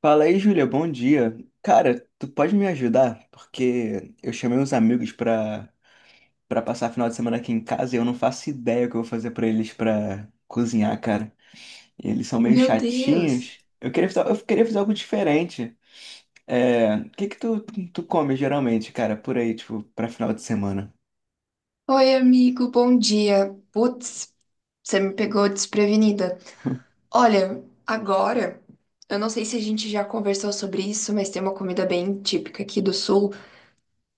Fala aí, Júlia, bom dia. Cara, tu pode me ajudar? Porque eu chamei uns amigos pra passar final de semana aqui em casa e eu não faço ideia o que eu vou fazer pra eles pra cozinhar, cara. E eles são meio Meu Deus! chatinhos. Eu queria fazer algo diferente. É, o que que tu come geralmente, cara, por aí, tipo, pra final de semana? Oi, amigo, bom dia. Putz, você me pegou desprevenida. Olha, agora, eu não sei se a gente já conversou sobre isso, mas tem uma comida bem típica aqui do Sul,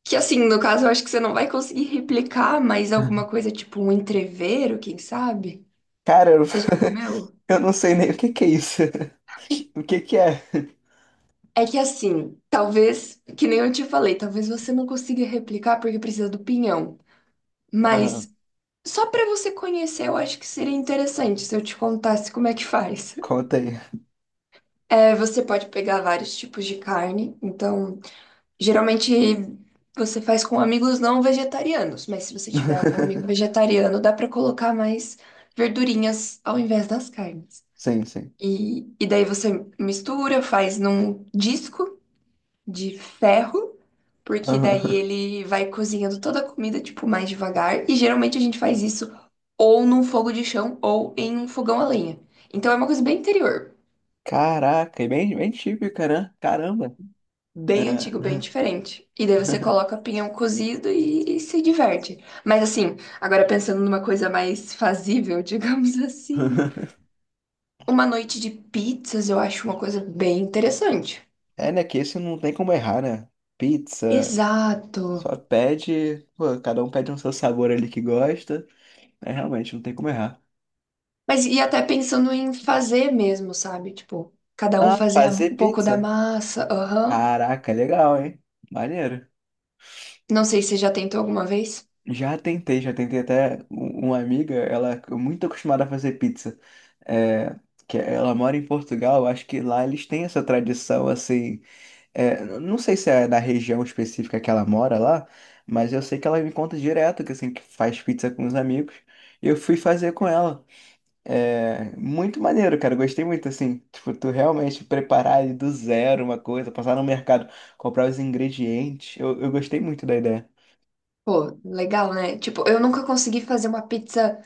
que assim, no caso, eu acho que você não vai conseguir replicar, mas alguma coisa tipo um entrevero, quem sabe? Cara, eu, Você já comeu? eu não sei nem o que que é isso. O que que é? É que assim, talvez, que nem eu te falei, talvez você não consiga replicar porque precisa do pinhão. Aham, Mas só para você conhecer, eu acho que seria interessante se eu te contasse como é que faz. conta aí. É, você pode pegar vários tipos de carne, então, geralmente você faz com amigos não vegetarianos, mas se você tiver algum amigo vegetariano, dá para colocar mais verdurinhas ao invés das carnes. Sim, sim. E daí você mistura, faz num disco de ferro, porque daí Aham. ele vai cozinhando toda a comida, tipo, mais devagar. E geralmente a gente faz isso ou num fogo de chão ou em um fogão a lenha. Então é uma coisa bem interior, Caraca, é bem típica, né? Caramba. bem É. antigo, bem diferente. E daí você coloca pinhão cozido e se diverte. Mas assim, agora pensando numa coisa mais fazível, digamos assim, uma noite de pizzas eu acho uma coisa bem interessante. É, né? Que esse não tem como errar, né? Pizza, Exato. só pede. Pô, cada um pede um seu sabor ali que gosta. É, realmente, não tem como errar. Mas e até pensando em fazer mesmo, sabe? Tipo, cada um Ah, fazer um pouco da pizza? massa, aham. Caraca, legal, hein? Maneiro. Não sei se você já tentou alguma vez. Já tentei até uma amiga, ela é muito acostumada a fazer pizza. É, que ela mora em Portugal, acho que lá eles têm essa tradição assim. É, não sei se é da região específica que ela mora lá, mas eu sei que ela me conta direto que assim que faz pizza com os amigos. E eu fui fazer com ela. É muito maneiro, cara. Eu gostei muito assim. Tipo, tu realmente preparar ali do zero uma coisa, passar no mercado, comprar os ingredientes. Eu gostei muito da ideia. Pô, legal, né? Tipo, eu nunca consegui fazer uma pizza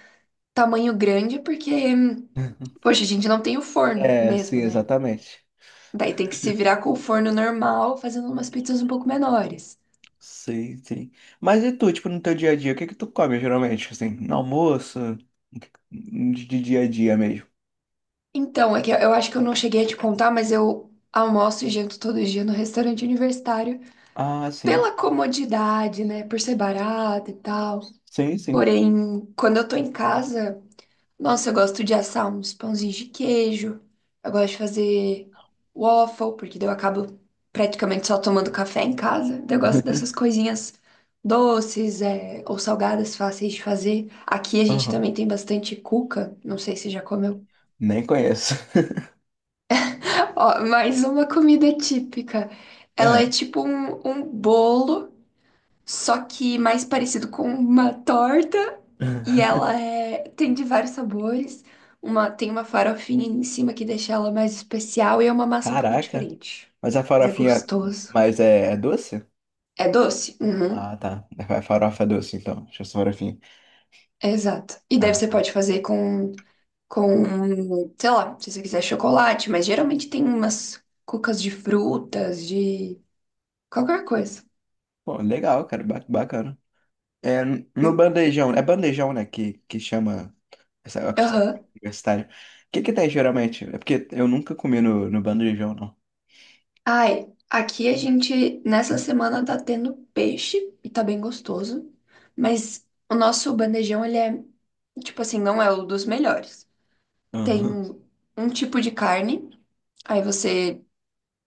tamanho grande porque, poxa, a gente não tem o forno É, sim, mesmo, né? exatamente. Daí tem que se virar com o forno normal, fazendo umas pizzas um pouco menores. Sim, sim. Mas e tu, tipo, no teu dia a dia, o que que tu come geralmente? Assim, no almoço, de dia a dia mesmo? Então, é que eu acho que eu não cheguei a te contar, mas eu almoço e janto todo dia no restaurante universitário Ah, sim. pela comodidade, né? Por ser barato e tal. Sim, sim. Porém, quando eu tô em casa, nossa, eu gosto de assar uns pãozinhos de queijo. Eu gosto de fazer waffle, porque daí eu acabo praticamente só tomando café em casa. Daí eu gosto dessas coisinhas doces, é, ou salgadas fáceis de fazer. Aqui a gente Aham. também tem bastante cuca, não sei se já comeu. Nem conheço. Ó, mais uma comida típica. Ela é É. tipo um bolo, só que mais parecido com uma torta. Tem de vários sabores. Uma, tem uma farofinha em cima que deixa ela mais especial e é uma massa um pouco Caraca. diferente. Mas a Mas é farofinha. gostoso. Mas é doce? É doce? Uhum. Ah, tá. A farofa é doce, então. Deixa eu só farofinha. Exato. E daí Ah, você tá. pode fazer com sei lá, se você quiser chocolate, mas geralmente tem umas cucas de frutas, de qualquer coisa. Pô, legal, cara. Bacana. É, no Hum. bandejão. É bandejão, né? Que chama essa comida Aham. universitária. O que que tem geralmente? É porque eu nunca comi no bandejão, não. Ai, aqui a gente nessa semana tá tendo peixe e tá bem gostoso, mas o nosso bandejão ele é tipo assim, não é o dos melhores. Tem Aham. um tipo de carne, aí você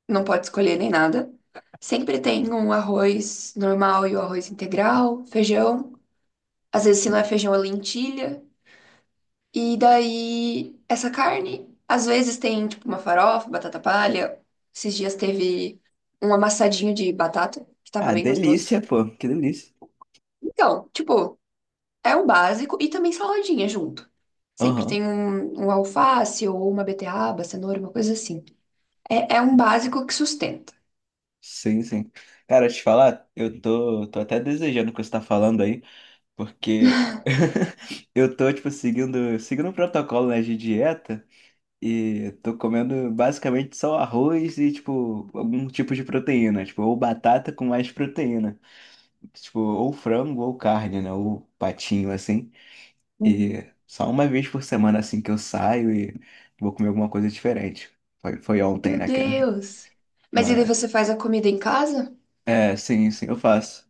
não pode escolher nem nada. Sempre tem um arroz normal e o arroz integral, feijão. Às vezes, se não é feijão, é lentilha. E daí, essa carne, às vezes tem tipo uma farofa, batata palha. Esses dias teve um amassadinho de batata, que tava Ah, bem gostoso. delícia, pô. Que delícia. Então, tipo, é o básico e também saladinha junto. Sempre Aham. tem um alface ou uma beterraba, cenoura, uma coisa assim. É, é um básico que sustenta. Sim, sim. Cara, te falar, eu tô até desejando o que você tá falando aí. Porque eu tô, tipo, seguindo um protocolo, né, de dieta e tô comendo basicamente só arroz e, tipo, algum tipo de proteína, tipo, ou batata com mais proteína, tipo, ou frango ou carne, né, ou patinho, assim. E Uhum. só uma vez por semana, assim, que eu saio e vou comer alguma coisa diferente. Foi ontem, Meu né, cara? Deus! Mas e daí Mas, você faz a comida em casa? é, sim, sim, eu faço.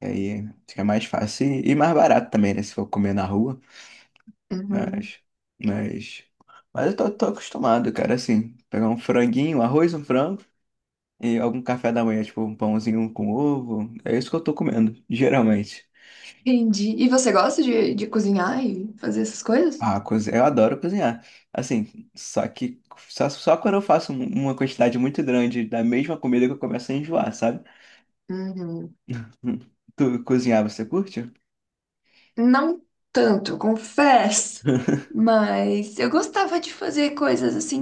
E aí fica mais fácil e mais barato também, né, se for comer na rua. Uhum. Mas, mas, mas eu tô acostumado, cara, assim, pegar um franguinho, arroz, um frango e algum café da manhã, tipo um pãozinho com ovo, é isso que eu tô comendo, geralmente. Entendi. E você gosta de cozinhar e fazer essas coisas? Ah, eu adoro cozinhar, assim, só que só quando eu faço uma quantidade muito grande da mesma comida que eu começo a enjoar, sabe? Uhum. Hum. Tu cozinhar, você curte? Não tanto, eu confesso, mas eu gostava de fazer coisas assim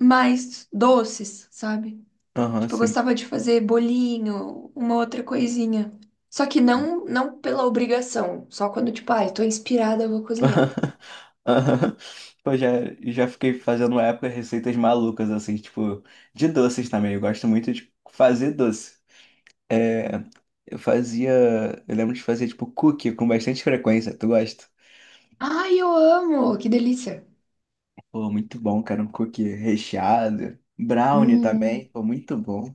mais doces, sabe? Aham, Tipo, eu sim. gostava de fazer bolinho, uma outra coisinha. Só que não pela obrigação, só quando tipo, ai, tô inspirada, eu vou cozinhar. Aham. Pô, já fiquei fazendo uma época receitas malucas, assim, tipo, de doces também. Eu gosto muito de fazer doce. É, eu fazia. Eu lembro de fazer, tipo, cookie com bastante frequência. Tu gosta? Ai, eu amo, que delícia. Pô, muito bom, cara. Um cookie recheado. Brownie Hum, também. Pô, muito bom.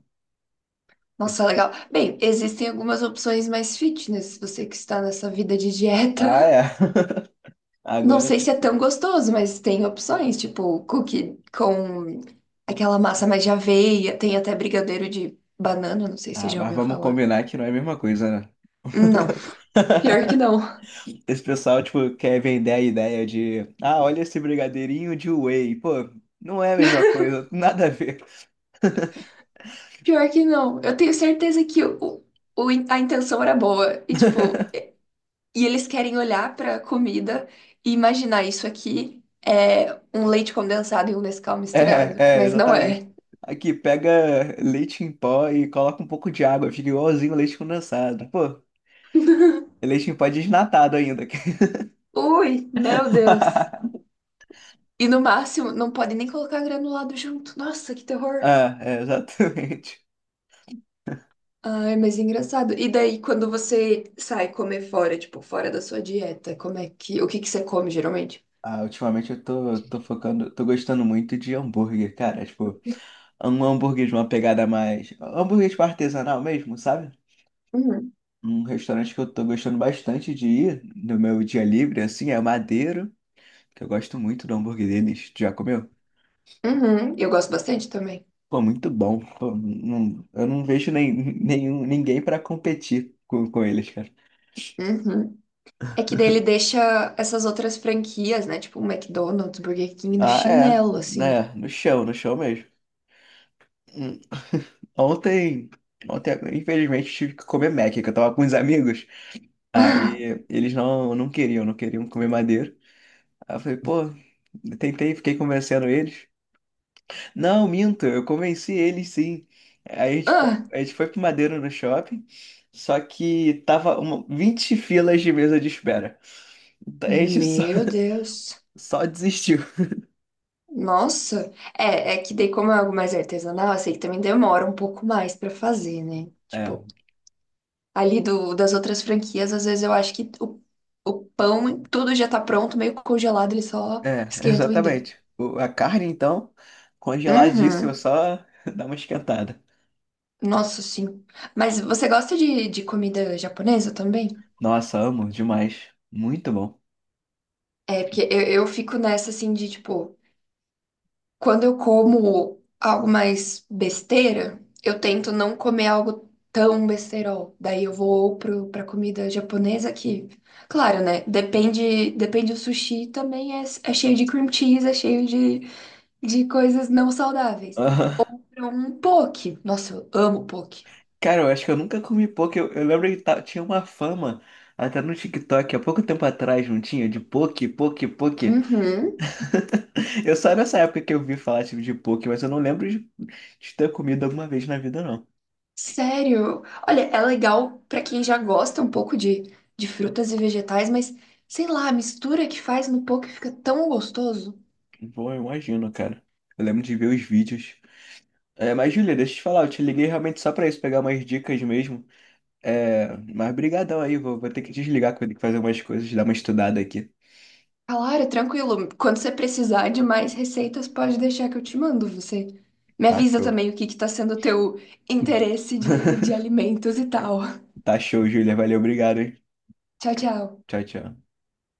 Eu nossa, sou- legal. Bem, existem algumas opções mais fitness, você que está nessa vida de Ah, dieta. é. Não Agora sei tem se é que. tão gostoso, mas tem opções, tipo cookie com aquela massa mais de aveia, tem até brigadeiro de banana, não sei se você Ah, já mas ouviu vamos falar. combinar que não é a mesma coisa, né? Não, pior que não. Esse pessoal, tipo, quer vender a ideia de, ah, olha esse brigadeirinho de whey. Pô, não é a mesma coisa, nada a ver. Pior que não. Eu tenho certeza que a intenção era boa. E, tipo, e eles querem olhar pra comida e imaginar isso aqui é um leite condensado e um Nescau misturado. É, Mas não exatamente. é. Aqui, pega leite em pó e coloca um pouco de água, fica igualzinho leite condensado. Pô, é leite em pó desnatado ainda. Ui, meu Deus. E no máximo, não pode nem colocar granulado junto. Nossa, que terror. Ah, é, exatamente. Ai, mas engraçado. E daí, quando você sai comer fora, tipo, fora da sua dieta, como é que, o que que você come geralmente? Ah, ultimamente eu tô focando, tô gostando muito de hambúrguer, cara. Tipo, um hambúrguer de uma pegada mais. Hambúrguer tipo artesanal mesmo, sabe? Uhum. Um restaurante que eu tô gostando bastante de ir no meu dia livre, assim, é o Madeiro, que eu gosto muito do hambúrguer deles. Tu já comeu? Uhum. Eu gosto bastante também. Pô, muito bom. Pô, eu não vejo nem, nenhum, ninguém pra competir com eles, cara. Uhum. É que daí ele deixa essas outras franquias, né? Tipo, McDonald's, Burger King no Ah, é. chinelo, assim. Né? No chão mesmo. Hum, Ontem, ontem, infelizmente, tive que comer Mac, que eu tava com uns amigos. Ah, Aí eles não queriam comer Madeiro. Aí eu falei, pô, eu tentei, fiquei convencendo eles. Não, minto, eu convenci ele sim. Aí a gente foi, ah, a gente foi pro Madeira no shopping, só que tava uma, 20 filas de mesa de espera. Então, a gente só, meu Deus. só desistiu. Nossa. É, é que daí, como é algo mais artesanal, eu sei que também demora um pouco mais pra fazer, né? É, Tipo, ali das outras franquias, às vezes eu acho que o pão, tudo já tá pronto, meio congelado, eles só esquentam e dão. exatamente. A carne, então, congeladíssima, Uhum. só dá uma esquentada. Nossa, sim. Mas você gosta de comida japonesa também? Nossa, amo demais. Muito bom. É, porque eu fico nessa assim de tipo, quando eu como algo mais besteira, eu tento não comer algo tão besterol. Daí eu vou pra comida japonesa que, claro, né? Depende do sushi também é, é cheio de cream cheese, é cheio de coisas não saudáveis. Aham. Um poke. Nossa, eu amo poke. Cara, eu acho que eu nunca comi poke. Eu lembro que tinha uma fama até no TikTok, há pouco tempo atrás, não tinha? De poke. Uhum. Eu só nessa época que eu vi falar tipo, de poke, mas eu não lembro de ter comido alguma vez na vida, não. Sério. Olha, é legal pra quem já gosta um pouco de frutas e vegetais, mas sei lá, a mistura que faz no poke fica tão gostoso. Bom, eu imagino, cara. Eu lembro de ver os vídeos. É, mas, Julia, deixa eu te falar, eu te liguei realmente só pra isso, pegar umas dicas mesmo. É, mas brigadão aí, vou ter que desligar, que eu vou ter que fazer umas coisas, dar uma estudada aqui. Claro, tranquilo. Quando você precisar de mais receitas, pode deixar que eu te mando. Você me Tá avisa show. também o que que tá sendo o teu interesse de alimentos e tal. Tá show, Julia. Valeu, obrigado, hein? Tchau, tchau. Tchau, tchau.